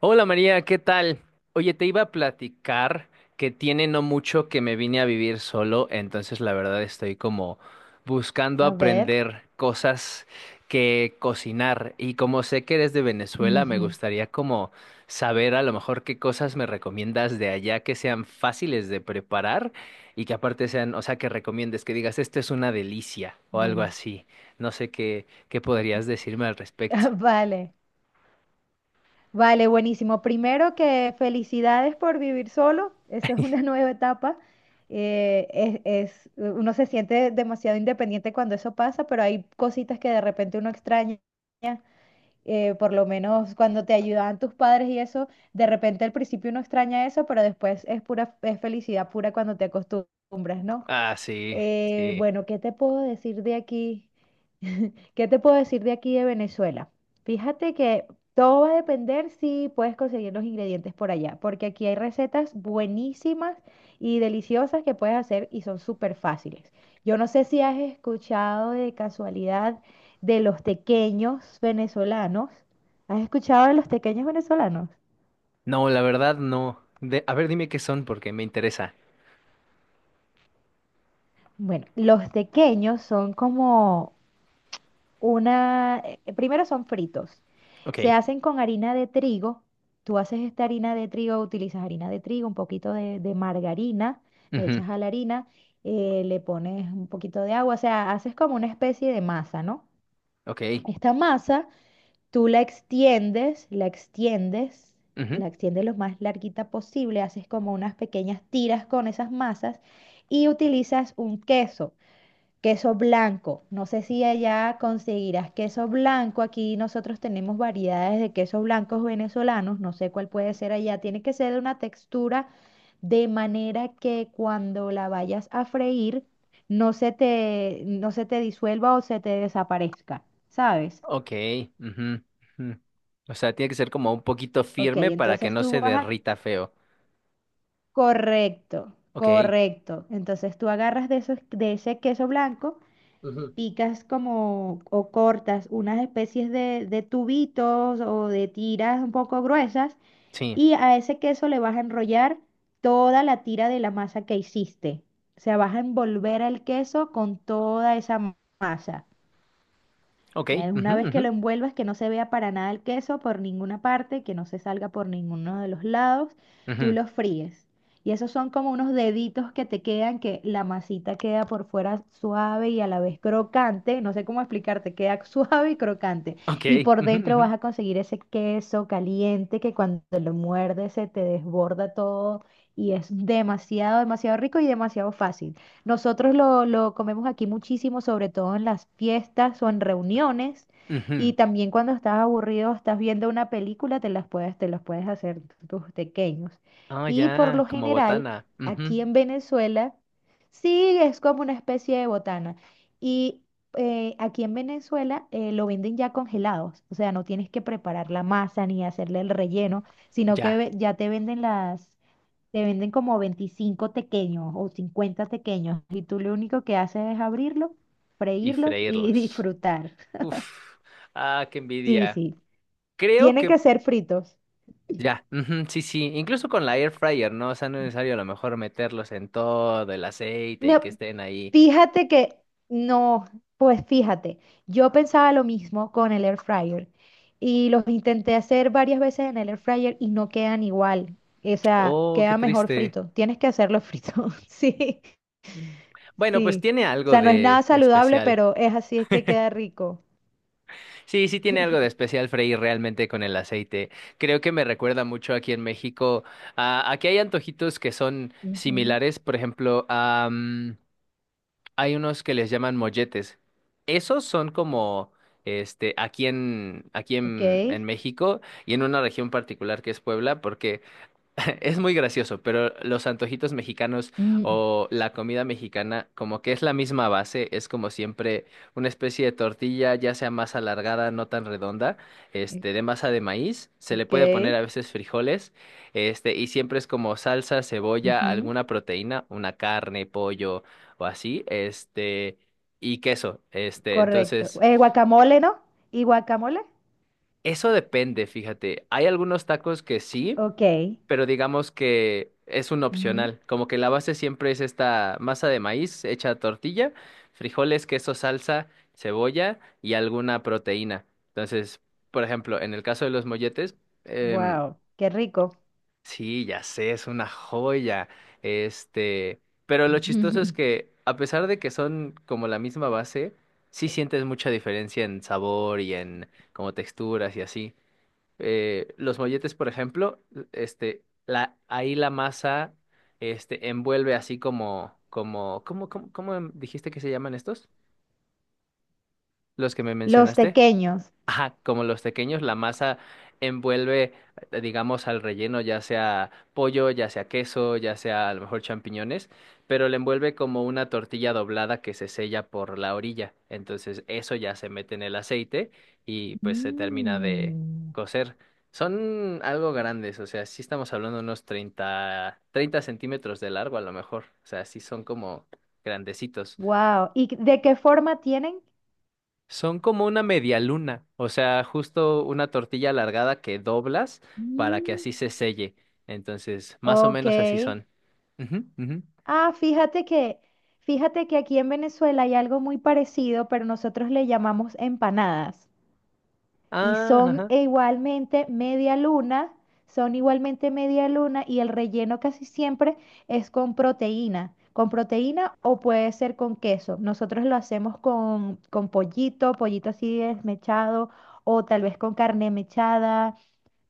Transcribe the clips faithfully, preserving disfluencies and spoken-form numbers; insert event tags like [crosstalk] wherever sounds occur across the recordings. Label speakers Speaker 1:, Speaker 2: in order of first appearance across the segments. Speaker 1: Hola María, ¿qué tal? Oye, te iba a platicar que tiene no mucho que me vine a vivir solo, entonces la verdad estoy como buscando
Speaker 2: A ver.
Speaker 1: aprender cosas que cocinar y como sé que eres de Venezuela, me
Speaker 2: Ujú.
Speaker 1: gustaría como saber a lo mejor qué cosas me recomiendas de allá que sean fáciles de preparar y que aparte sean, o sea, que recomiendes, que digas, esto es una delicia o algo
Speaker 2: Buenísimo.
Speaker 1: así. No sé qué, qué podrías decirme al respecto.
Speaker 2: [laughs] Vale, vale, buenísimo. Primero que felicidades por vivir solo, eso es una [laughs] nueva etapa. Eh, es, es- Uno se siente demasiado independiente cuando eso pasa, pero hay cositas que de repente uno extraña. Eh, por lo menos cuando te ayudaban tus padres y eso, de repente al principio uno extraña eso, pero después es pura, es felicidad pura cuando te acostumbras, ¿no?
Speaker 1: Ah, sí,
Speaker 2: Eh,
Speaker 1: sí.
Speaker 2: bueno, ¿qué te puedo decir de aquí? [laughs] ¿Qué te puedo decir de aquí de Venezuela? Fíjate que todo va a depender si puedes conseguir los ingredientes por allá, porque aquí hay recetas buenísimas y deliciosas que puedes hacer y son súper fáciles. Yo no sé si has escuchado de casualidad de los tequeños venezolanos. ¿Has escuchado de los tequeños venezolanos?
Speaker 1: No, la verdad no. De, a ver, dime qué son porque me interesa.
Speaker 2: Bueno, los tequeños son como una, eh, eh, primero son fritos. Se
Speaker 1: Ok.
Speaker 2: hacen con harina de trigo. Tú haces esta harina de trigo, utilizas harina de trigo, un poquito de, de margarina, le
Speaker 1: Ujú.
Speaker 2: echas a la harina, eh, le pones un poquito de agua, o sea, haces como una especie de masa, ¿no?
Speaker 1: Ok.
Speaker 2: Esta masa tú la extiendes, la extiendes,
Speaker 1: Ujú.
Speaker 2: la extiendes lo más larguita posible, haces como unas pequeñas tiras con esas masas y utilizas un queso. Queso blanco. No sé si allá conseguirás queso blanco. Aquí nosotros tenemos variedades de quesos blancos venezolanos. No sé cuál puede ser allá. Tiene que ser de una textura de manera que cuando la vayas a freír no se te, no se te disuelva o se te desaparezca, ¿sabes?
Speaker 1: Ok. Ujú, ujú. O sea, tiene que ser como un poquito
Speaker 2: Ok,
Speaker 1: firme para que
Speaker 2: entonces
Speaker 1: no
Speaker 2: tú
Speaker 1: se
Speaker 2: vas a...
Speaker 1: derrita feo.
Speaker 2: Correcto,
Speaker 1: Ok.
Speaker 2: correcto. Entonces tú agarras de, esos, de ese queso blanco,
Speaker 1: Ujú.
Speaker 2: picas como o cortas unas especies de, de tubitos o de tiras un poco gruesas,
Speaker 1: Sí.
Speaker 2: y a ese queso le vas a enrollar toda la tira de la masa que hiciste. O sea, vas a envolver el queso con toda esa ma- masa.
Speaker 1: Ok.
Speaker 2: Eh,
Speaker 1: Ujú,
Speaker 2: Una vez
Speaker 1: ujú,
Speaker 2: que lo envuelvas, que no se vea para nada el queso por ninguna parte, que no se salga por ninguno de los lados, tú
Speaker 1: ujú.
Speaker 2: lo fríes. Y esos son como unos deditos que te quedan, que la masita queda por fuera suave y a la vez crocante. No sé cómo explicarte, queda [laughs] suave y crocante.
Speaker 1: Ok.
Speaker 2: Y por
Speaker 1: Ujú,
Speaker 2: dentro
Speaker 1: ujú,
Speaker 2: vas a conseguir ese queso caliente que cuando lo muerdes se te desborda todo, y es demasiado, demasiado rico y demasiado fácil. Nosotros lo, lo comemos aquí muchísimo, sobre todo en las fiestas o en reuniones.
Speaker 1: ujú.
Speaker 2: Y también cuando estás aburrido, estás viendo una película, te las puedes, te los puedes hacer tus pequeños.
Speaker 1: Ah,
Speaker 2: Y por
Speaker 1: ya,
Speaker 2: lo
Speaker 1: como
Speaker 2: general,
Speaker 1: botana. Ujú.
Speaker 2: aquí en Venezuela, sí es como una especie de botana. Y eh, aquí en Venezuela eh, lo venden ya congelados, o sea, no tienes que preparar la masa ni hacerle el relleno, sino que
Speaker 1: Ya.
Speaker 2: ve- ya te venden las, te venden como veinticinco tequeños o cincuenta tequeños, y tú lo único que haces es abrirlos,
Speaker 1: Y
Speaker 2: freírlos y [laughs]
Speaker 1: freírlos.
Speaker 2: disfrutar.
Speaker 1: Uf. Ah, qué
Speaker 2: Sí,
Speaker 1: envidia.
Speaker 2: sí,
Speaker 1: Creo
Speaker 2: tienen
Speaker 1: que
Speaker 2: que ser fritos.
Speaker 1: ya, ujú, sí, sí, incluso con la air fryer, ¿no? O sea, no es necesario a lo mejor meterlos en todo el aceite y
Speaker 2: No,
Speaker 1: que estén ahí.
Speaker 2: fíjate que no, pues fíjate, yo pensaba lo mismo con el air fryer y los intenté hacer varias veces en el air fryer y no quedan igual. O sea,
Speaker 1: Oh, qué
Speaker 2: queda mejor
Speaker 1: triste.
Speaker 2: frito. Tienes que hacerlo frito. [laughs] Sí,
Speaker 1: Bueno, pues
Speaker 2: sí.
Speaker 1: tiene
Speaker 2: O
Speaker 1: algo
Speaker 2: sea, no es nada
Speaker 1: de
Speaker 2: saludable,
Speaker 1: especial.
Speaker 2: pero es así, es que queda rico.
Speaker 1: Sí, sí tiene algo de especial freír realmente con el aceite. Creo que me recuerda mucho aquí en México a, a que hay antojitos que son
Speaker 2: Ujú.
Speaker 1: similares, por ejemplo, a mm, hay unos que les llaman molletes. Esos son como, este, aquí en, aquí
Speaker 2: Ok,
Speaker 1: en, en México y en una región particular que es Puebla, porque [laughs] es muy gracioso, pero los antojitos mexicanos
Speaker 2: mm,
Speaker 1: o la comida mexicana, como que es la misma base, es como siempre una especie de tortilla, ya sea más alargada, no tan redonda,
Speaker 2: eh,
Speaker 1: este, de masa de maíz, se le
Speaker 2: ok,
Speaker 1: puede poner a veces frijoles, este, y siempre es como salsa, cebolla,
Speaker 2: ujú,
Speaker 1: alguna proteína, una carne, pollo o así, este, y queso, este,
Speaker 2: correcto.
Speaker 1: entonces,
Speaker 2: Eh, Guacamole, ¿no? ¿Y guacamole?
Speaker 1: eso depende, fíjate, hay algunos tacos que sí,
Speaker 2: Ok,
Speaker 1: pero digamos que es un
Speaker 2: ujú.
Speaker 1: opcional. Como que la base siempre es esta masa de maíz hecha tortilla, frijoles, queso, salsa, cebolla y alguna proteína. Entonces, por ejemplo, en el caso de los molletes, em,
Speaker 2: Wow, qué rico.
Speaker 1: sí, ya sé, es una joya. Este, pero lo chistoso es
Speaker 2: [laughs]
Speaker 1: que a pesar de que son como la misma base, sí sientes mucha diferencia en sabor y en como texturas y así eh, los molletes, por ejemplo, este, la, ahí la masa, este, envuelve así como, como, ¿cómo, cómo, cómo em- dijiste que se llaman estos? Los que me
Speaker 2: Los
Speaker 1: mencionaste.
Speaker 2: tequeños.
Speaker 1: Ajá, como los pequeños, la masa envuelve, eh, digamos, al relleno, ya sea pollo, ya sea queso, ya sea a lo mejor champiñones, pero le envuelve como una tortilla doblada que se sella por la orilla. Entonces, eso ya se mete en el aceite y pues se termina de
Speaker 2: Mm,
Speaker 1: cocer. Son algo grandes, o sea, sí estamos hablando de unos treinta, treinta centímetros de largo a lo mejor. O sea, sí son como grandecitos.
Speaker 2: wow. ¿Y de qué forma tienen?
Speaker 1: Son como una media luna, o sea, justo una tortilla alargada que doblas para que
Speaker 2: Mm.
Speaker 1: así se selle. Entonces, más o
Speaker 2: Ok.
Speaker 1: menos así son. Ujú, ujú.
Speaker 2: Ah, fíjate que, fíjate que aquí en Venezuela hay algo muy parecido, pero nosotros le llamamos empanadas. Y
Speaker 1: Ah,
Speaker 2: son
Speaker 1: ajá.
Speaker 2: e igualmente media luna, son igualmente media luna y el relleno casi siempre es con proteína, con proteína, o puede ser con queso. Nosotros lo hacemos con, con pollito, pollito así desmechado, o tal vez con carne mechada.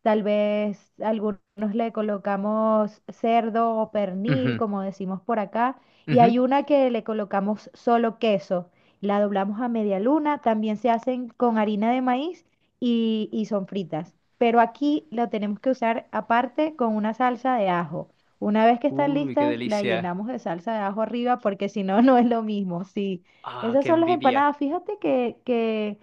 Speaker 2: Tal vez algunos le colocamos cerdo o pernil,
Speaker 1: Ujú,
Speaker 2: como decimos por acá, y
Speaker 1: ujú.
Speaker 2: hay una que le colocamos solo queso. La doblamos a media luna, también se hacen con harina de maíz y, y son fritas. Pero aquí lo tenemos que usar aparte con una salsa de ajo. Una vez que están
Speaker 1: Uy, qué
Speaker 2: listas, la
Speaker 1: delicia.
Speaker 2: llenamos de salsa de ajo arriba porque si no, [laughs] no es lo mismo. Sí,
Speaker 1: Ah,
Speaker 2: esas
Speaker 1: qué
Speaker 2: son las
Speaker 1: envidia.
Speaker 2: empanadas. Fíjate que, que,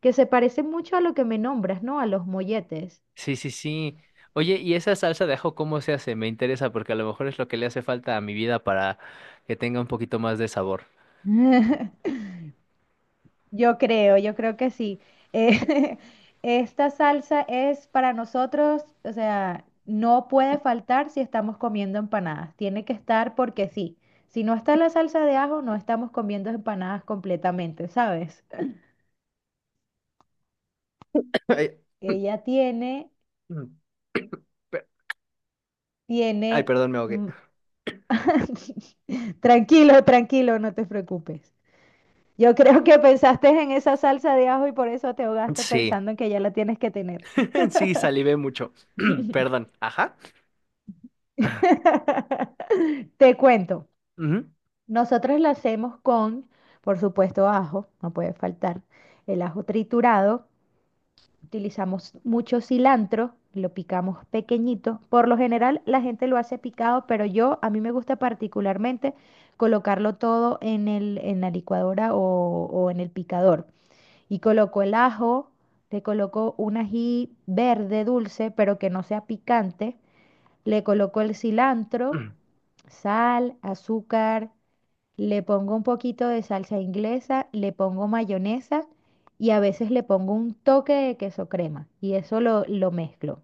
Speaker 2: que se parecen mucho a lo que me nombras, ¿no? A los molletes.
Speaker 1: Sí, sí, sí. Oye, ¿y esa salsa de ajo cómo se hace? Me interesa porque a lo mejor es lo que le hace falta a mi vida para que tenga un poquito más de sabor.
Speaker 2: [laughs] Yo creo, yo creo que sí. Eh, [laughs] esta salsa es para nosotros, o sea, no puede faltar si estamos comiendo empanadas. Tiene que estar porque sí. Si no está la salsa de ajo, no estamos comiendo empanadas completamente, ¿sabes?
Speaker 1: [laughs] Ay, [coughs]
Speaker 2: Ella tiene,
Speaker 1: [clears throat] ay,
Speaker 2: tiene...
Speaker 1: perdón, me ahogué.
Speaker 2: Mm. [laughs] Tranquilo, tranquilo, no te preocupes. Yo creo que pensaste en esa salsa de ajo y por eso te ahogaste
Speaker 1: Sí.
Speaker 2: pensando en que ya la tienes que tener.
Speaker 1: [laughs] Sí, salivé mucho. [clears throat]
Speaker 2: [laughs]
Speaker 1: Perdón. Ajá.
Speaker 2: [laughs] Te cuento,
Speaker 1: Ujú.
Speaker 2: nosotros la hacemos con, por supuesto, ajo, no puede faltar, el ajo triturado. Utilizamos mucho cilantro, lo picamos pequeñito, por lo general la gente lo hace picado, pero yo, a mí me gusta particularmente colocarlo todo en el, en la licuadora o, o en el picador, y coloco el ajo, le coloco un ají verde dulce, pero que no sea picante, le coloco el cilantro,
Speaker 1: Ujú.
Speaker 2: sal, azúcar, le pongo un poquito de salsa inglesa, le pongo mayonesa y a veces le pongo un toque de queso crema, y eso lo, lo mezclo.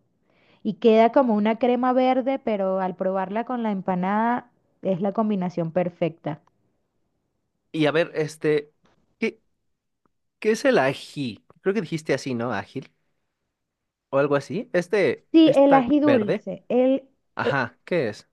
Speaker 2: Y queda como una crema verde, pero al probarla con la empanada es la combinación perfecta.
Speaker 1: Y a ver, este, ¿qué, ¿qué es el ají? Creo que dijiste así, ¿no? Ágil o algo así. Este,
Speaker 2: Sí, el
Speaker 1: esta
Speaker 2: ají
Speaker 1: verde.
Speaker 2: dulce. El, e-
Speaker 1: Ajá, ¿qué es?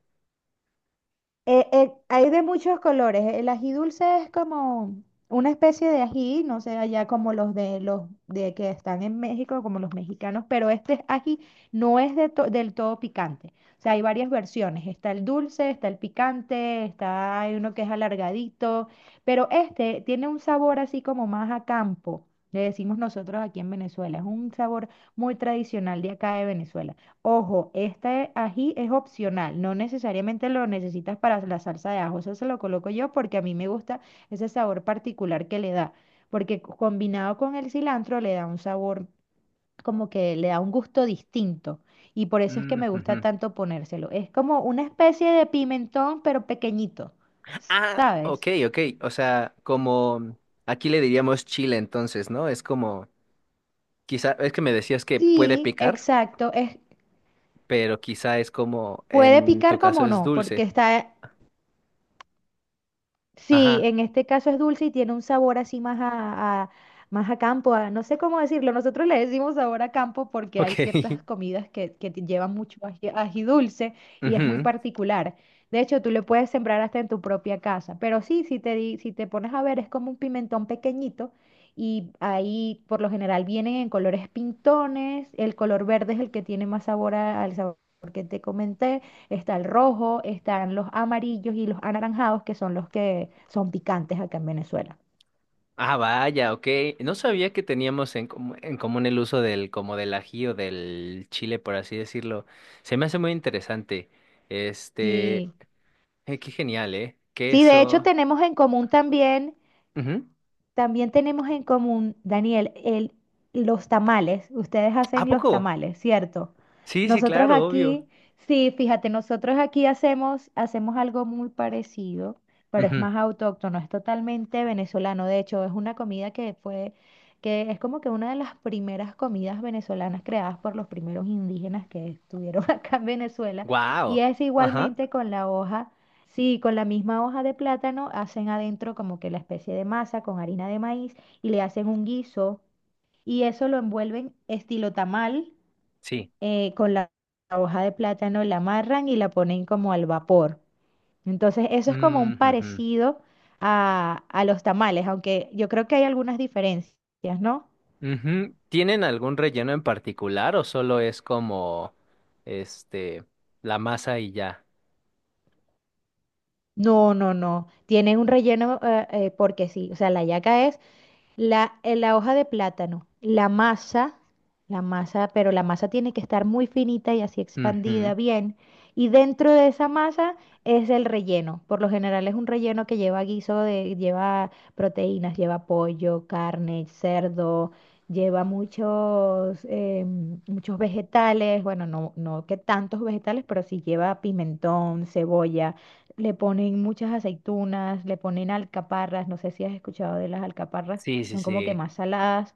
Speaker 2: Eh, eh, hay de muchos colores. El ají dulce es como una especie de ají, no sé, allá como los de los de que están en México, como los mexicanos, pero este ají no es de to- del todo picante. O sea, hay varias versiones. Está el dulce, está el picante, está hay uno que es alargadito, pero este tiene un sabor así como más a campo. Le decimos nosotros aquí en Venezuela. Es un sabor muy tradicional de acá de Venezuela. Ojo, este ají es opcional, no necesariamente lo necesitas para la salsa de ajo, eso se lo coloco yo porque a mí me gusta ese sabor particular que le da, porque c- combinado con el cilantro le da un sabor, como que le da un gusto distinto, y por eso es que
Speaker 1: Mm,
Speaker 2: me gusta
Speaker 1: ujú.
Speaker 2: tanto ponérselo. Es como una especie de pimentón, pero pequeñito,
Speaker 1: Ah,
Speaker 2: ¿sabes?
Speaker 1: ok, ok. O sea, como aquí le diríamos chile, entonces, ¿no? Es como, quizá, es que me decías que puede
Speaker 2: Sí,
Speaker 1: picar,
Speaker 2: exacto, es,
Speaker 1: pero quizá es como,
Speaker 2: puede
Speaker 1: en tu
Speaker 2: picar
Speaker 1: caso
Speaker 2: como
Speaker 1: es
Speaker 2: no, porque
Speaker 1: dulce.
Speaker 2: está. Sí,
Speaker 1: Ajá,
Speaker 2: en este caso es dulce y tiene un sabor así más a, a- más a campo, a- no sé cómo decirlo. Nosotros le decimos sabor a campo porque hay
Speaker 1: ok.
Speaker 2: ciertas comidas que, que te llevan mucho ají, ají dulce,
Speaker 1: [laughs]
Speaker 2: y es muy
Speaker 1: Ujú.
Speaker 2: particular. De hecho, tú le puedes sembrar hasta en tu propia casa. Pero sí, si te, di- si te pones a ver, es como un pimentón pequeñito, y ahí por lo general vienen en colores pintones. El color verde es el que tiene más sabor a- al sabor que te comenté. Está el rojo, están los amarillos y los anaranjados, que son los que son picantes acá en Venezuela.
Speaker 1: Ah, vaya, ok. No sabía que teníamos en, comu- en común el uso del, como del ají o del chile, por así decirlo. Se me hace muy interesante. Este,
Speaker 2: Sí.
Speaker 1: eh, qué genial, ¿eh?
Speaker 2: Sí, de hecho
Speaker 1: Queso.
Speaker 2: tenemos en común también.
Speaker 1: Ujú.
Speaker 2: También tenemos en común, Daniel, el, los tamales. Ustedes
Speaker 1: ¿A
Speaker 2: hacen los
Speaker 1: poco?
Speaker 2: tamales, ¿cierto?
Speaker 1: Sí, sí,
Speaker 2: Nosotros
Speaker 1: claro, obvio.
Speaker 2: aquí, sí, fíjate, nosotros aquí hacemos, hacemos algo muy parecido, pero es más autóctono, es totalmente venezolano. De hecho, es una comida que fue, que es como que una de las primeras comidas venezolanas, creadas por los primeros indígenas que estuvieron [laughs] acá en Venezuela. Y
Speaker 1: Wow.
Speaker 2: es
Speaker 1: Ajá.
Speaker 2: igualmente con la hoja. Sí, con la misma hoja de plátano hacen adentro como que la especie de masa con harina de maíz, y le hacen un guiso, y eso lo envuelven estilo tamal,
Speaker 1: Sí.
Speaker 2: eh, con la la hoja de plátano, la amarran y la ponen como al vapor. Entonces eso es como un
Speaker 1: Mm, ujú.
Speaker 2: parecido a, a los tamales, aunque yo creo que hay algunas diferencias, ¿no?
Speaker 1: Ujú. ¿Tienen algún relleno en particular o solo es como, este, la masa y ya?
Speaker 2: No, no, no. Tiene un relleno, eh, eh, porque sí. O sea, la yaca es... La, eh, la hoja de plátano, la masa, la masa, pero la masa tiene que estar muy finita y así expandida
Speaker 1: Ujú.
Speaker 2: bien. Y dentro de esa masa es el relleno. Por lo general es un relleno que lleva guiso de, lleva proteínas, lleva pollo, carne, cerdo, lleva muchos, em, muchos vegetales. Bueno, no, no que tantos vegetales, pero sí lleva pimentón, cebolla, le ponen muchas aceitunas, le ponen alcaparras, no sé si has escuchado de las alcaparras,
Speaker 1: Sí, sí,
Speaker 2: son como que
Speaker 1: sí.
Speaker 2: más saladas.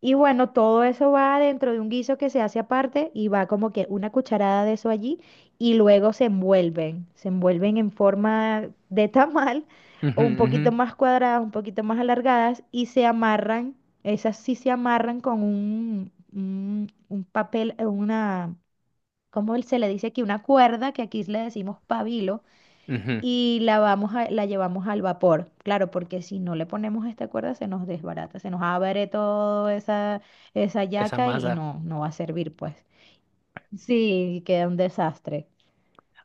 Speaker 2: Y bueno, todo eso va dentro de un guiso que se hace aparte, y va como que una cucharada de eso allí, y luego se envuelven, se envuelven en forma de tamal, [laughs]
Speaker 1: Ujú,
Speaker 2: o un poquito
Speaker 1: ujú,
Speaker 2: más cuadradas, un poquito más alargadas, y se amarran. Esas sí se amarran con un, un, un papel, eh, una, ¿cómo se le dice aquí? Una cuerda, que aquí le decimos pabilo,
Speaker 1: ujú.
Speaker 2: y la vamos a, la llevamos al vapor. Claro, porque si no le ponemos esta cuerda se nos desbarata, se nos abre toda esa, esa
Speaker 1: Esa
Speaker 2: yaca, y
Speaker 1: masa.
Speaker 2: no, no va a servir, pues. Sí, queda un desastre.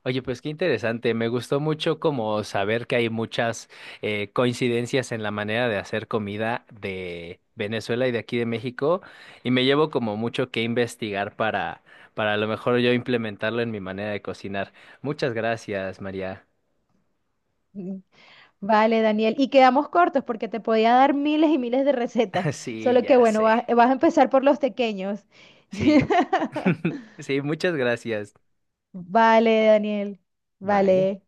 Speaker 1: Oye, pues qué interesante. Me gustó mucho como saber que hay muchas eh, coincidencias en la manera de hacer comida de Venezuela y de aquí de México. Y me llevo como mucho que investigar para, para a lo mejor yo implementarlo en mi manera de cocinar. Muchas gracias, María.
Speaker 2: Mm. Vale, Daniel. Y quedamos cortos porque te podía dar miles y miles de
Speaker 1: [laughs]
Speaker 2: recetas.
Speaker 1: Sí,
Speaker 2: Solo que
Speaker 1: ya
Speaker 2: bueno,
Speaker 1: sé.
Speaker 2: vas, vas a empezar por los pequeños.
Speaker 1: Sí,
Speaker 2: [laughs]
Speaker 1: [laughs] sí, muchas gracias.
Speaker 2: Vale, Daniel.
Speaker 1: Bye.
Speaker 2: Vale.